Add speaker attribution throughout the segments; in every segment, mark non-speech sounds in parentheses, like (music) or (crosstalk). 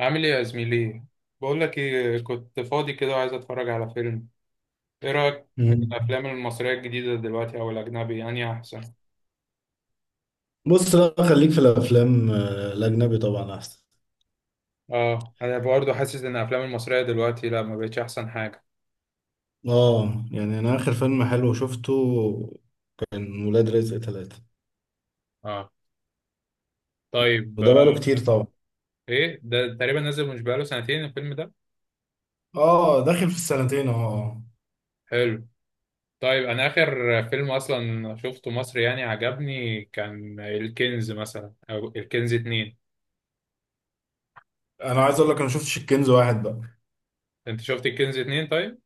Speaker 1: عامل ايه يا زميلي؟ بقول لك ايه، كنت فاضي كده وعايز اتفرج على فيلم. ايه رايك في
Speaker 2: مم.
Speaker 1: الافلام المصريه الجديده دلوقتي؟ او الاجنبي يعني احسن؟
Speaker 2: بص، لا خليك في الافلام، الاجنبي طبعا احسن.
Speaker 1: اه، انا برضه حاسس ان الافلام المصريه دلوقتي لا، ما بقتش احسن حاجه.
Speaker 2: اه يعني انا اخر فيلم حلو شفته كان ولاد رزق ثلاثة،
Speaker 1: اه طيب.
Speaker 2: وده بقاله كتير طبعا.
Speaker 1: ايه ده؟ تقريبا نزل، مش بقاله 2 سنين الفيلم ده.
Speaker 2: اه داخل في السنتين اهو. اه،
Speaker 1: حلو. طيب، انا اخر فيلم اصلا شفته مصري يعني عجبني كان الكنز مثلا، او الكنز اتنين.
Speaker 2: انا عايز اقول لك انا ما شفتش الكنز واحد بقى.
Speaker 1: انت شفت الكنز اتنين طيب.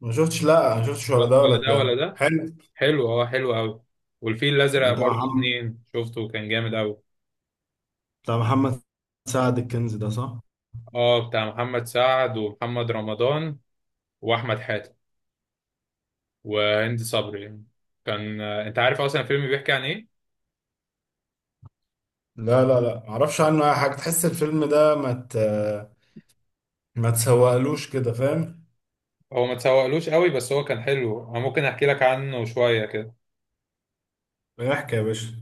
Speaker 2: ما شفتش، لا ما شفتش ولا ده ولا
Speaker 1: ولا ده ولا
Speaker 2: ده.
Speaker 1: ده
Speaker 2: حلو.
Speaker 1: حلو. اه حلو قوي. والفيل الازرق
Speaker 2: بتاع
Speaker 1: برضو شفته
Speaker 2: محمد
Speaker 1: اتنين، شفته كان جامد قوي.
Speaker 2: بتاع محمد سعد، الكنز ده، صح؟
Speaker 1: اه، بتاع محمد سعد ومحمد رمضان، واحمد حاتم، وهند صبري يعني. كان، انت عارف اصلا الفيلم بيحكي عن ايه؟
Speaker 2: لا لا لا، معرفش عنه اي حاجه. تحس الفيلم ده ما تسوقلوش كده، فاهم؟
Speaker 1: هو ما تسوقلوش قوي بس هو كان حلو، انا ممكن احكي لك عنه شويه كده.
Speaker 2: احكي يا باشا.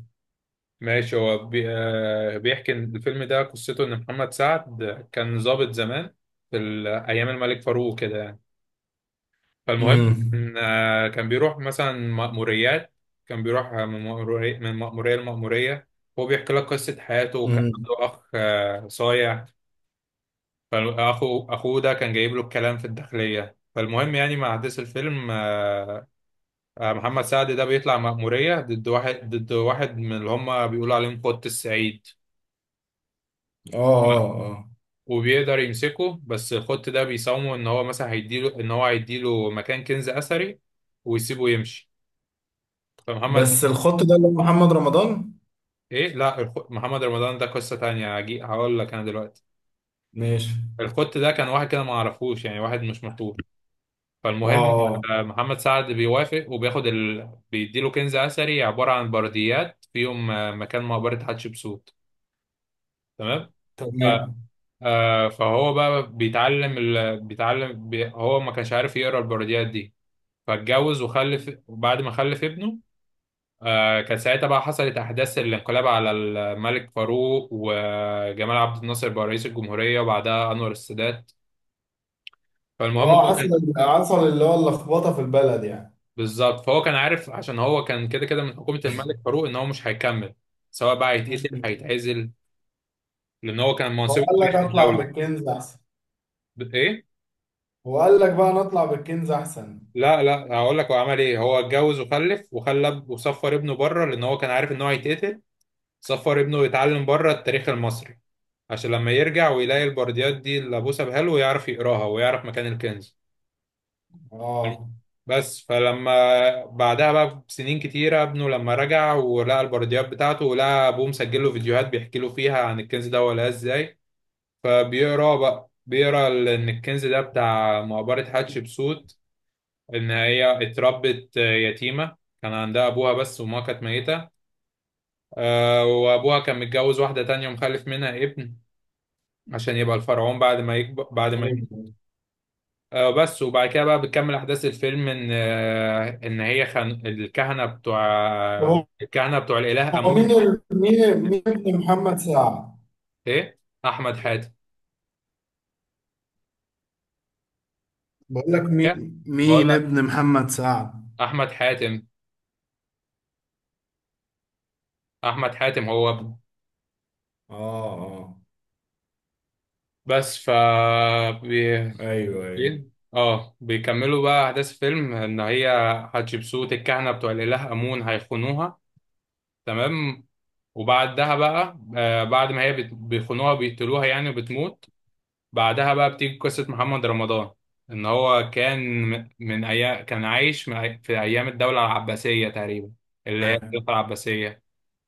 Speaker 1: ماشي، هو بي... آه، بيحكي إن الفيلم ده قصته ان محمد سعد كان ضابط زمان في ايام الملك فاروق كده يعني. فالمهم إن كان بيروح مثلا مأموريات، كان بيروح من مأمورية لمأمورية. هو بيحكي لك قصة حياته، وكان
Speaker 2: امم.
Speaker 1: عنده أخ صايع. فأخو أخوه ده كان جايب له الكلام في الداخلية، فالمهم يعني مع أحداث الفيلم، محمد سعد ده بيطلع مأمورية ضد واحد من اللي هما بيقولوا عليهم خط السعيد،
Speaker 2: اه اه اه.
Speaker 1: وبيقدر يمسكه. بس الخط ده بيساومه إن هو هيديله مكان كنز أثري ويسيبه يمشي. فمحمد
Speaker 2: بس الخط ده اللي هو محمد رمضان؟
Speaker 1: ايه لا، محمد رمضان ده قصة تانية، هقول لك انا دلوقتي.
Speaker 2: ماشي.
Speaker 1: الخط ده كان واحد كده ما اعرفوش يعني، واحد مش مشهور.
Speaker 2: اه
Speaker 1: فالمهم
Speaker 2: اه.
Speaker 1: محمد سعد بيوافق وبياخد بيديله كنز اثري عبارة عن برديات فيهم مكان مقبرة حتشبسوت. تمام. ف...
Speaker 2: تمام.
Speaker 1: آه، فهو بقى بيتعلم هو ما كانش عارف يقرا البرديات دي، فاتجوز وخلف، وبعد ما خلف ابنه كان ساعتها بقى حصلت أحداث الانقلاب على الملك فاروق، وجمال عبد الناصر بقى رئيس الجمهورية وبعدها أنور السادات. فالمهم
Speaker 2: اه
Speaker 1: هو
Speaker 2: حصل،
Speaker 1: كان.
Speaker 2: اللي هو اللخبطه في البلد يعني.
Speaker 1: بالظبط، فهو كان عارف عشان هو كان كده كده من حكومة الملك فاروق إن هو مش هيكمل، سواء بقى هيتقتل
Speaker 2: مم.
Speaker 1: هيتعزل، لأن هو كان
Speaker 2: هو
Speaker 1: منصب
Speaker 2: قال
Speaker 1: كبير
Speaker 2: لك
Speaker 1: في
Speaker 2: اطلع
Speaker 1: الدولة.
Speaker 2: بالكنز احسن؟
Speaker 1: إيه؟
Speaker 2: هو قال لك بقى نطلع بالكنز احسن.
Speaker 1: لا لا، هقول لك هو عمل إيه. هو اتجوز وخلف، وخلى وصفر ابنه بره لأن هو كان عارف إن هو هيتقتل. سفر ابنه يتعلم بره التاريخ المصري عشان لما يرجع ويلاقي البرديات دي اللي ابوه سابها له يعرف يقراها ويعرف مكان الكنز.
Speaker 2: اه.
Speaker 1: بس فلما بعدها بقى بسنين كتيرة، ابنه لما رجع ولقى البرديات بتاعته ولقى ابوه مسجل له فيديوهات بيحكي له فيها عن الكنز ده ولا ازاي، فبيقرا بقى بيقرا ان الكنز ده بتاع مقبرة حتشبسوت، ان هي اتربت يتيمة، كان عندها ابوها بس وما كانت ميتة. وابوها كان متجوز واحدة تانية ومخلف منها ابن عشان يبقى الفرعون بعد ما يكبر، بعد ما يموت. آه بس. وبعد كده بقى بتكمل احداث الفيلم ان هي الكهنه بتوع
Speaker 2: هو،
Speaker 1: الكهنه بتوع الاله
Speaker 2: هو مين
Speaker 1: امون.
Speaker 2: ال... مين مين ابن محمد سعد؟
Speaker 1: ايه احمد حاتم.
Speaker 2: بقول لك،
Speaker 1: إيه؟ بقول
Speaker 2: مين
Speaker 1: لك،
Speaker 2: ابن محمد سعد؟
Speaker 1: احمد حاتم. احمد حاتم هو ابنه.
Speaker 2: اه اه.
Speaker 1: بس ف بي...
Speaker 2: ايوه ايوه.
Speaker 1: بيكملوا بقى احداث الفيلم ان هي حتشبسوت، الكهنه بتوع الاله امون هيخونوها. تمام. وبعدها بقى آه بعد ما هي بيخونوها بيقتلوها يعني، وبتموت. بعدها بقى بتيجي قصة محمد رمضان. إن هو كان من أيام، كان عايش في أيام الدولة العباسية تقريبا، اللي هي الخلافة العباسية.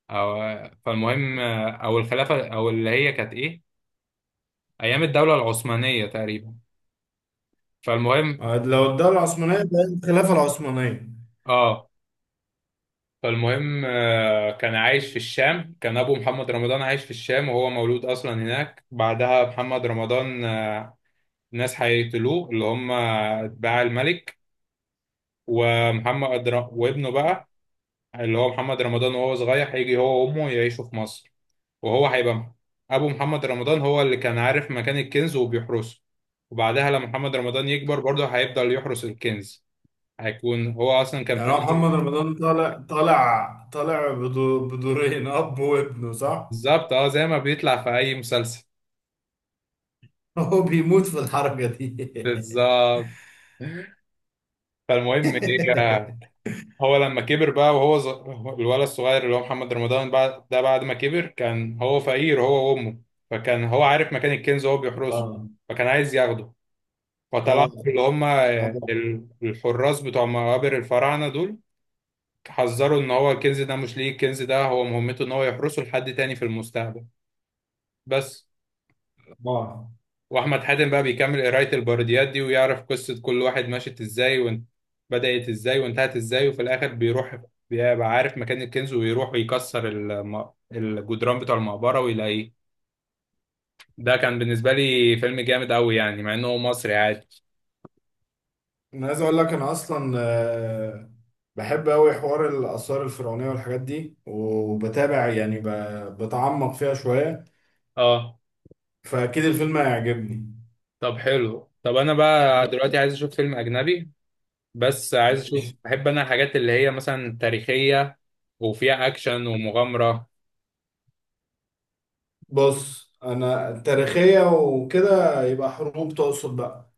Speaker 1: أو، فالمهم، أو الخلافة، أو اللي هي كانت إيه، أيام الدولة العثمانية تقريبا. فالمهم
Speaker 2: لو الدولة العثمانية بقت الخلافة العثمانية.
Speaker 1: آه فالمهم كان عايش في الشام، كان أبو محمد رمضان عايش في الشام وهو مولود أصلا هناك. بعدها محمد رمضان، ناس هيقتلوه اللي هم أتباع الملك. وابنه بقى اللي هو محمد رمضان، وهو صغير هيجي هو وامه يعيشوا في مصر. وهو هيبقى ابو محمد رمضان هو اللي كان عارف مكان الكنز وبيحرسه. وبعدها لما محمد رمضان يكبر برضه هيفضل يحرس الكنز. هيكون هو اصلا كان
Speaker 2: يعني هو
Speaker 1: فقير.
Speaker 2: محمد رمضان طالع، بدورين اب وابنه، صح؟
Speaker 1: بالظبط، اه زي ما بيطلع في اي مسلسل.
Speaker 2: (laughs) هو بيموت في الحركة دي (laughs)
Speaker 1: بالظبط. فالمهم ايه، هو لما كبر بقى وهو الولد الصغير اللي هو محمد رمضان بعد ده بعد ما كبر، كان هو فقير هو وامه. فكان هو عارف مكان الكنز وهو بيحرسه.
Speaker 2: اه
Speaker 1: فكان عايز ياخده.
Speaker 2: اه
Speaker 1: فطلعوا اللي هم
Speaker 2: اه
Speaker 1: الحراس بتوع مقابر الفراعنة دول، حذروا ان هو الكنز ده مش ليه، الكنز ده هو مهمته ان هو يحرسه لحد تاني في المستقبل. بس.
Speaker 2: اه.
Speaker 1: واحمد حاتم بقى بيكمل قراية البرديات دي ويعرف قصة كل واحد مشت ازاي، وان بدأت ازاي وانتهت ازاي، وفي الاخر بيروح، بيبقى عارف مكان الكنز، ويروح ويكسر الجدران بتوع المقبرة ويلاقيه. ده كان بالنسبة لي فيلم جامد قوي يعني، مع انه مصري عادي.
Speaker 2: انا عايز اقول لك، انا اصلا بحب قوي حوار الاثار الفرعونيه والحاجات دي، وبتابع يعني بتعمق فيها شويه،
Speaker 1: اه،
Speaker 2: فاكيد الفيلم هيعجبني.
Speaker 1: طب حلو. طب انا بقى دلوقتي عايز اشوف فيلم اجنبي، بس عايز اشوف،
Speaker 2: ماشي.
Speaker 1: بحب انا الحاجات اللي هي مثلا تاريخية وفيها اكشن ومغامرة.
Speaker 2: بص، انا تاريخيه وكده، يبقى حروب تقصد بقى؟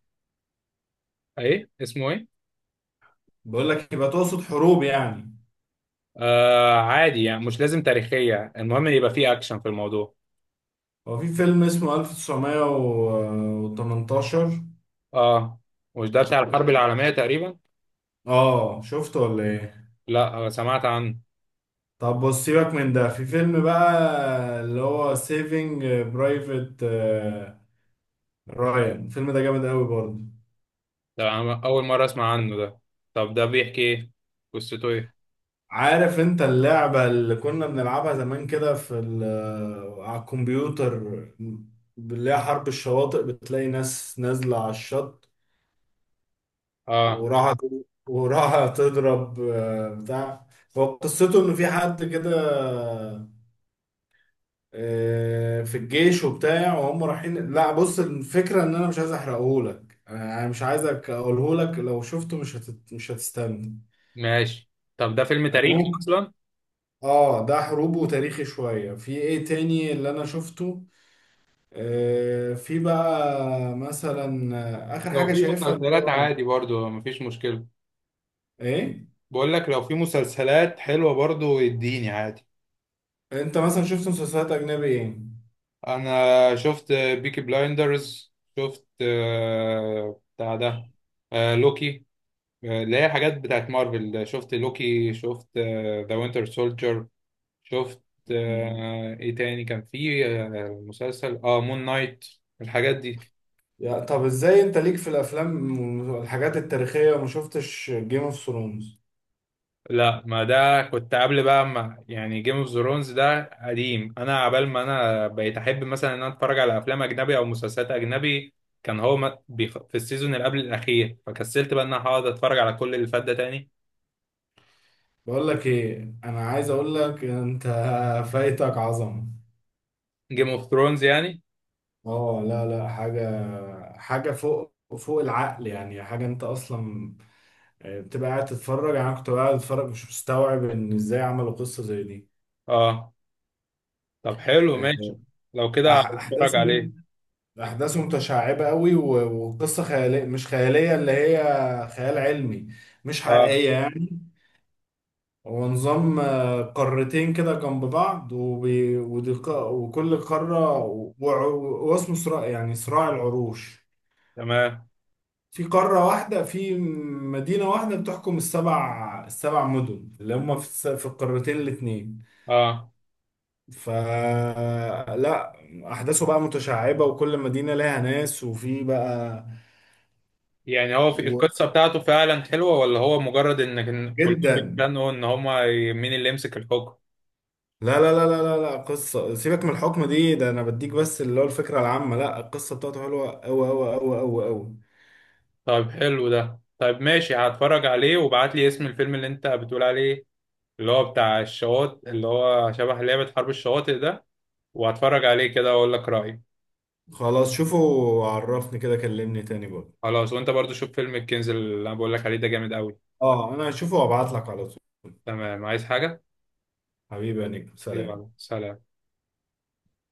Speaker 1: ايه اسمه ايه؟
Speaker 2: بقول لك، يبقى تقصد حروب يعني؟
Speaker 1: آه عادي يعني مش لازم تاريخية، المهم يبقى فيه اكشن في الموضوع.
Speaker 2: هو في فيلم اسمه 1918.
Speaker 1: اه مش ده بتاع الحرب العالمية تقريبا؟
Speaker 2: اه، شفته ولا ايه؟
Speaker 1: لا، سمعت عنه.
Speaker 2: طب بص، سيبك من ده. في فيلم بقى اللي هو سيفينج برايفت رايان. الفيلم ده جامد قوي برضه.
Speaker 1: ده أنا اول مرة اسمع عنه ده. طب ده بيحكي ايه؟ قصته ايه؟
Speaker 2: عارف انت اللعبة اللي كنا بنلعبها زمان كده في على الكمبيوتر، اللي هي حرب الشواطئ؟ بتلاقي ناس نازلة على الشط،
Speaker 1: اه
Speaker 2: وراها وراها تضرب بتاع. هو قصته ان في حد كده في الجيش وبتاع وهم رايحين. لا بص، الفكرة ان انا مش عايز احرقهولك، انا مش عايزك اقولهولك. لو شفته مش هتستنى.
Speaker 1: ماشي. طب ده فيلم
Speaker 2: أنا
Speaker 1: تاريخي
Speaker 2: ممكن.
Speaker 1: اصلا؟
Speaker 2: اه ده حروب وتاريخي شوية. في ايه تاني اللي انا شفته؟ آه في بقى مثلا، اخر
Speaker 1: لو
Speaker 2: حاجة
Speaker 1: في
Speaker 2: شايفها اللي
Speaker 1: مسلسلات
Speaker 2: هو
Speaker 1: عادي برضو مفيش مشكلة.
Speaker 2: ايه.
Speaker 1: بقول لك لو في مسلسلات حلوة برضو يديني عادي.
Speaker 2: انت مثلا شفت مسلسلات اجنبي ايه؟
Speaker 1: انا شفت بيكي بلايندرز. شفت بتاع ده، لوكي، اللي هي حاجات بتاعت مارفل. شفت لوكي، شفت ذا وينتر سولجر. شفت ايه تاني كان في، مسلسل اه مون نايت، الحاجات دي.
Speaker 2: يا طب، ازاي انت ليك في الافلام والحاجات التاريخية وما شفتش جيم اوف ثرونز؟
Speaker 1: لا، ما ده كنت قبل بقى، ما يعني جيم اوف ثرونز ده قديم. انا عبال ما انا بقيت احب مثلا ان انا اتفرج على افلام اجنبي او مسلسلات اجنبي، كان هو في السيزون اللي قبل الاخير، فكسلت بقى ان انا هقعد اتفرج على كل اللي فات ده تاني.
Speaker 2: بقول لك ايه، انا عايز اقول لك، انت (laughs) فايتك عظمه.
Speaker 1: جيم اوف ثرونز يعني.
Speaker 2: اه لا لا، حاجه حاجه فوق، فوق العقل يعني. حاجه انت اصلا بتبقى قاعد تتفرج. يعني انا كنت قاعد اتفرج مش مستوعب ان ازاي عملوا قصه زي دي.
Speaker 1: اه، طب حلو
Speaker 2: آه،
Speaker 1: ماشي، لو
Speaker 2: أح-
Speaker 1: كده هتفرج
Speaker 2: احداث م-
Speaker 1: عليه.
Speaker 2: احداث متشعبه قوي، وقصه خياليه، مش خياليه، اللي هي خيال علمي، مش
Speaker 1: اه
Speaker 2: حقيقيه يعني. هو نظام قارتين كده جنب بعض، وكل قارة واسمه صراع، يعني صراع العروش.
Speaker 1: تمام.
Speaker 2: في قارة واحدة، في مدينة واحدة بتحكم السبع، مدن اللي هم في، في القارتين الاتنين.
Speaker 1: اه
Speaker 2: فلا، أحداثه بقى متشعبة، وكل مدينة لها ناس وفي بقى
Speaker 1: يعني، هو في
Speaker 2: و...
Speaker 1: القصة بتاعته فعلا حلوة، ولا هو مجرد ان كان كلهم
Speaker 2: جدا.
Speaker 1: بيتخانقوا ان هما مين اللي يمسك الحكم؟
Speaker 2: لا لا لا لا لا لا، قصة سيبك من الحكم دي، ده أنا بديك بس اللي هو الفكرة العامة. لا، القصة بتاعته حلوة أوي أوي أوي أوي أوي.
Speaker 1: طيب حلو ده، طيب ماشي هتفرج عليه وابعت لي اسم الفيلم اللي انت بتقول عليه، اللي هو بتاع الشواطئ، اللي هو شبه لعبة حرب الشواطئ ده. وهتفرج عليه كده واقول لك رأيي.
Speaker 2: خلاص، شوفه وعرفني كده، كلمني تاني بقى.
Speaker 1: خلاص، وانت برضو شوف فيلم الكنز اللي انا بقول لك عليه ده جامد قوي.
Speaker 2: اه انا هشوفه وابعت لك على طول.
Speaker 1: تمام، عايز حاجة؟
Speaker 2: حبيبي يا نجم،
Speaker 1: يلا
Speaker 2: سلام.
Speaker 1: سلام.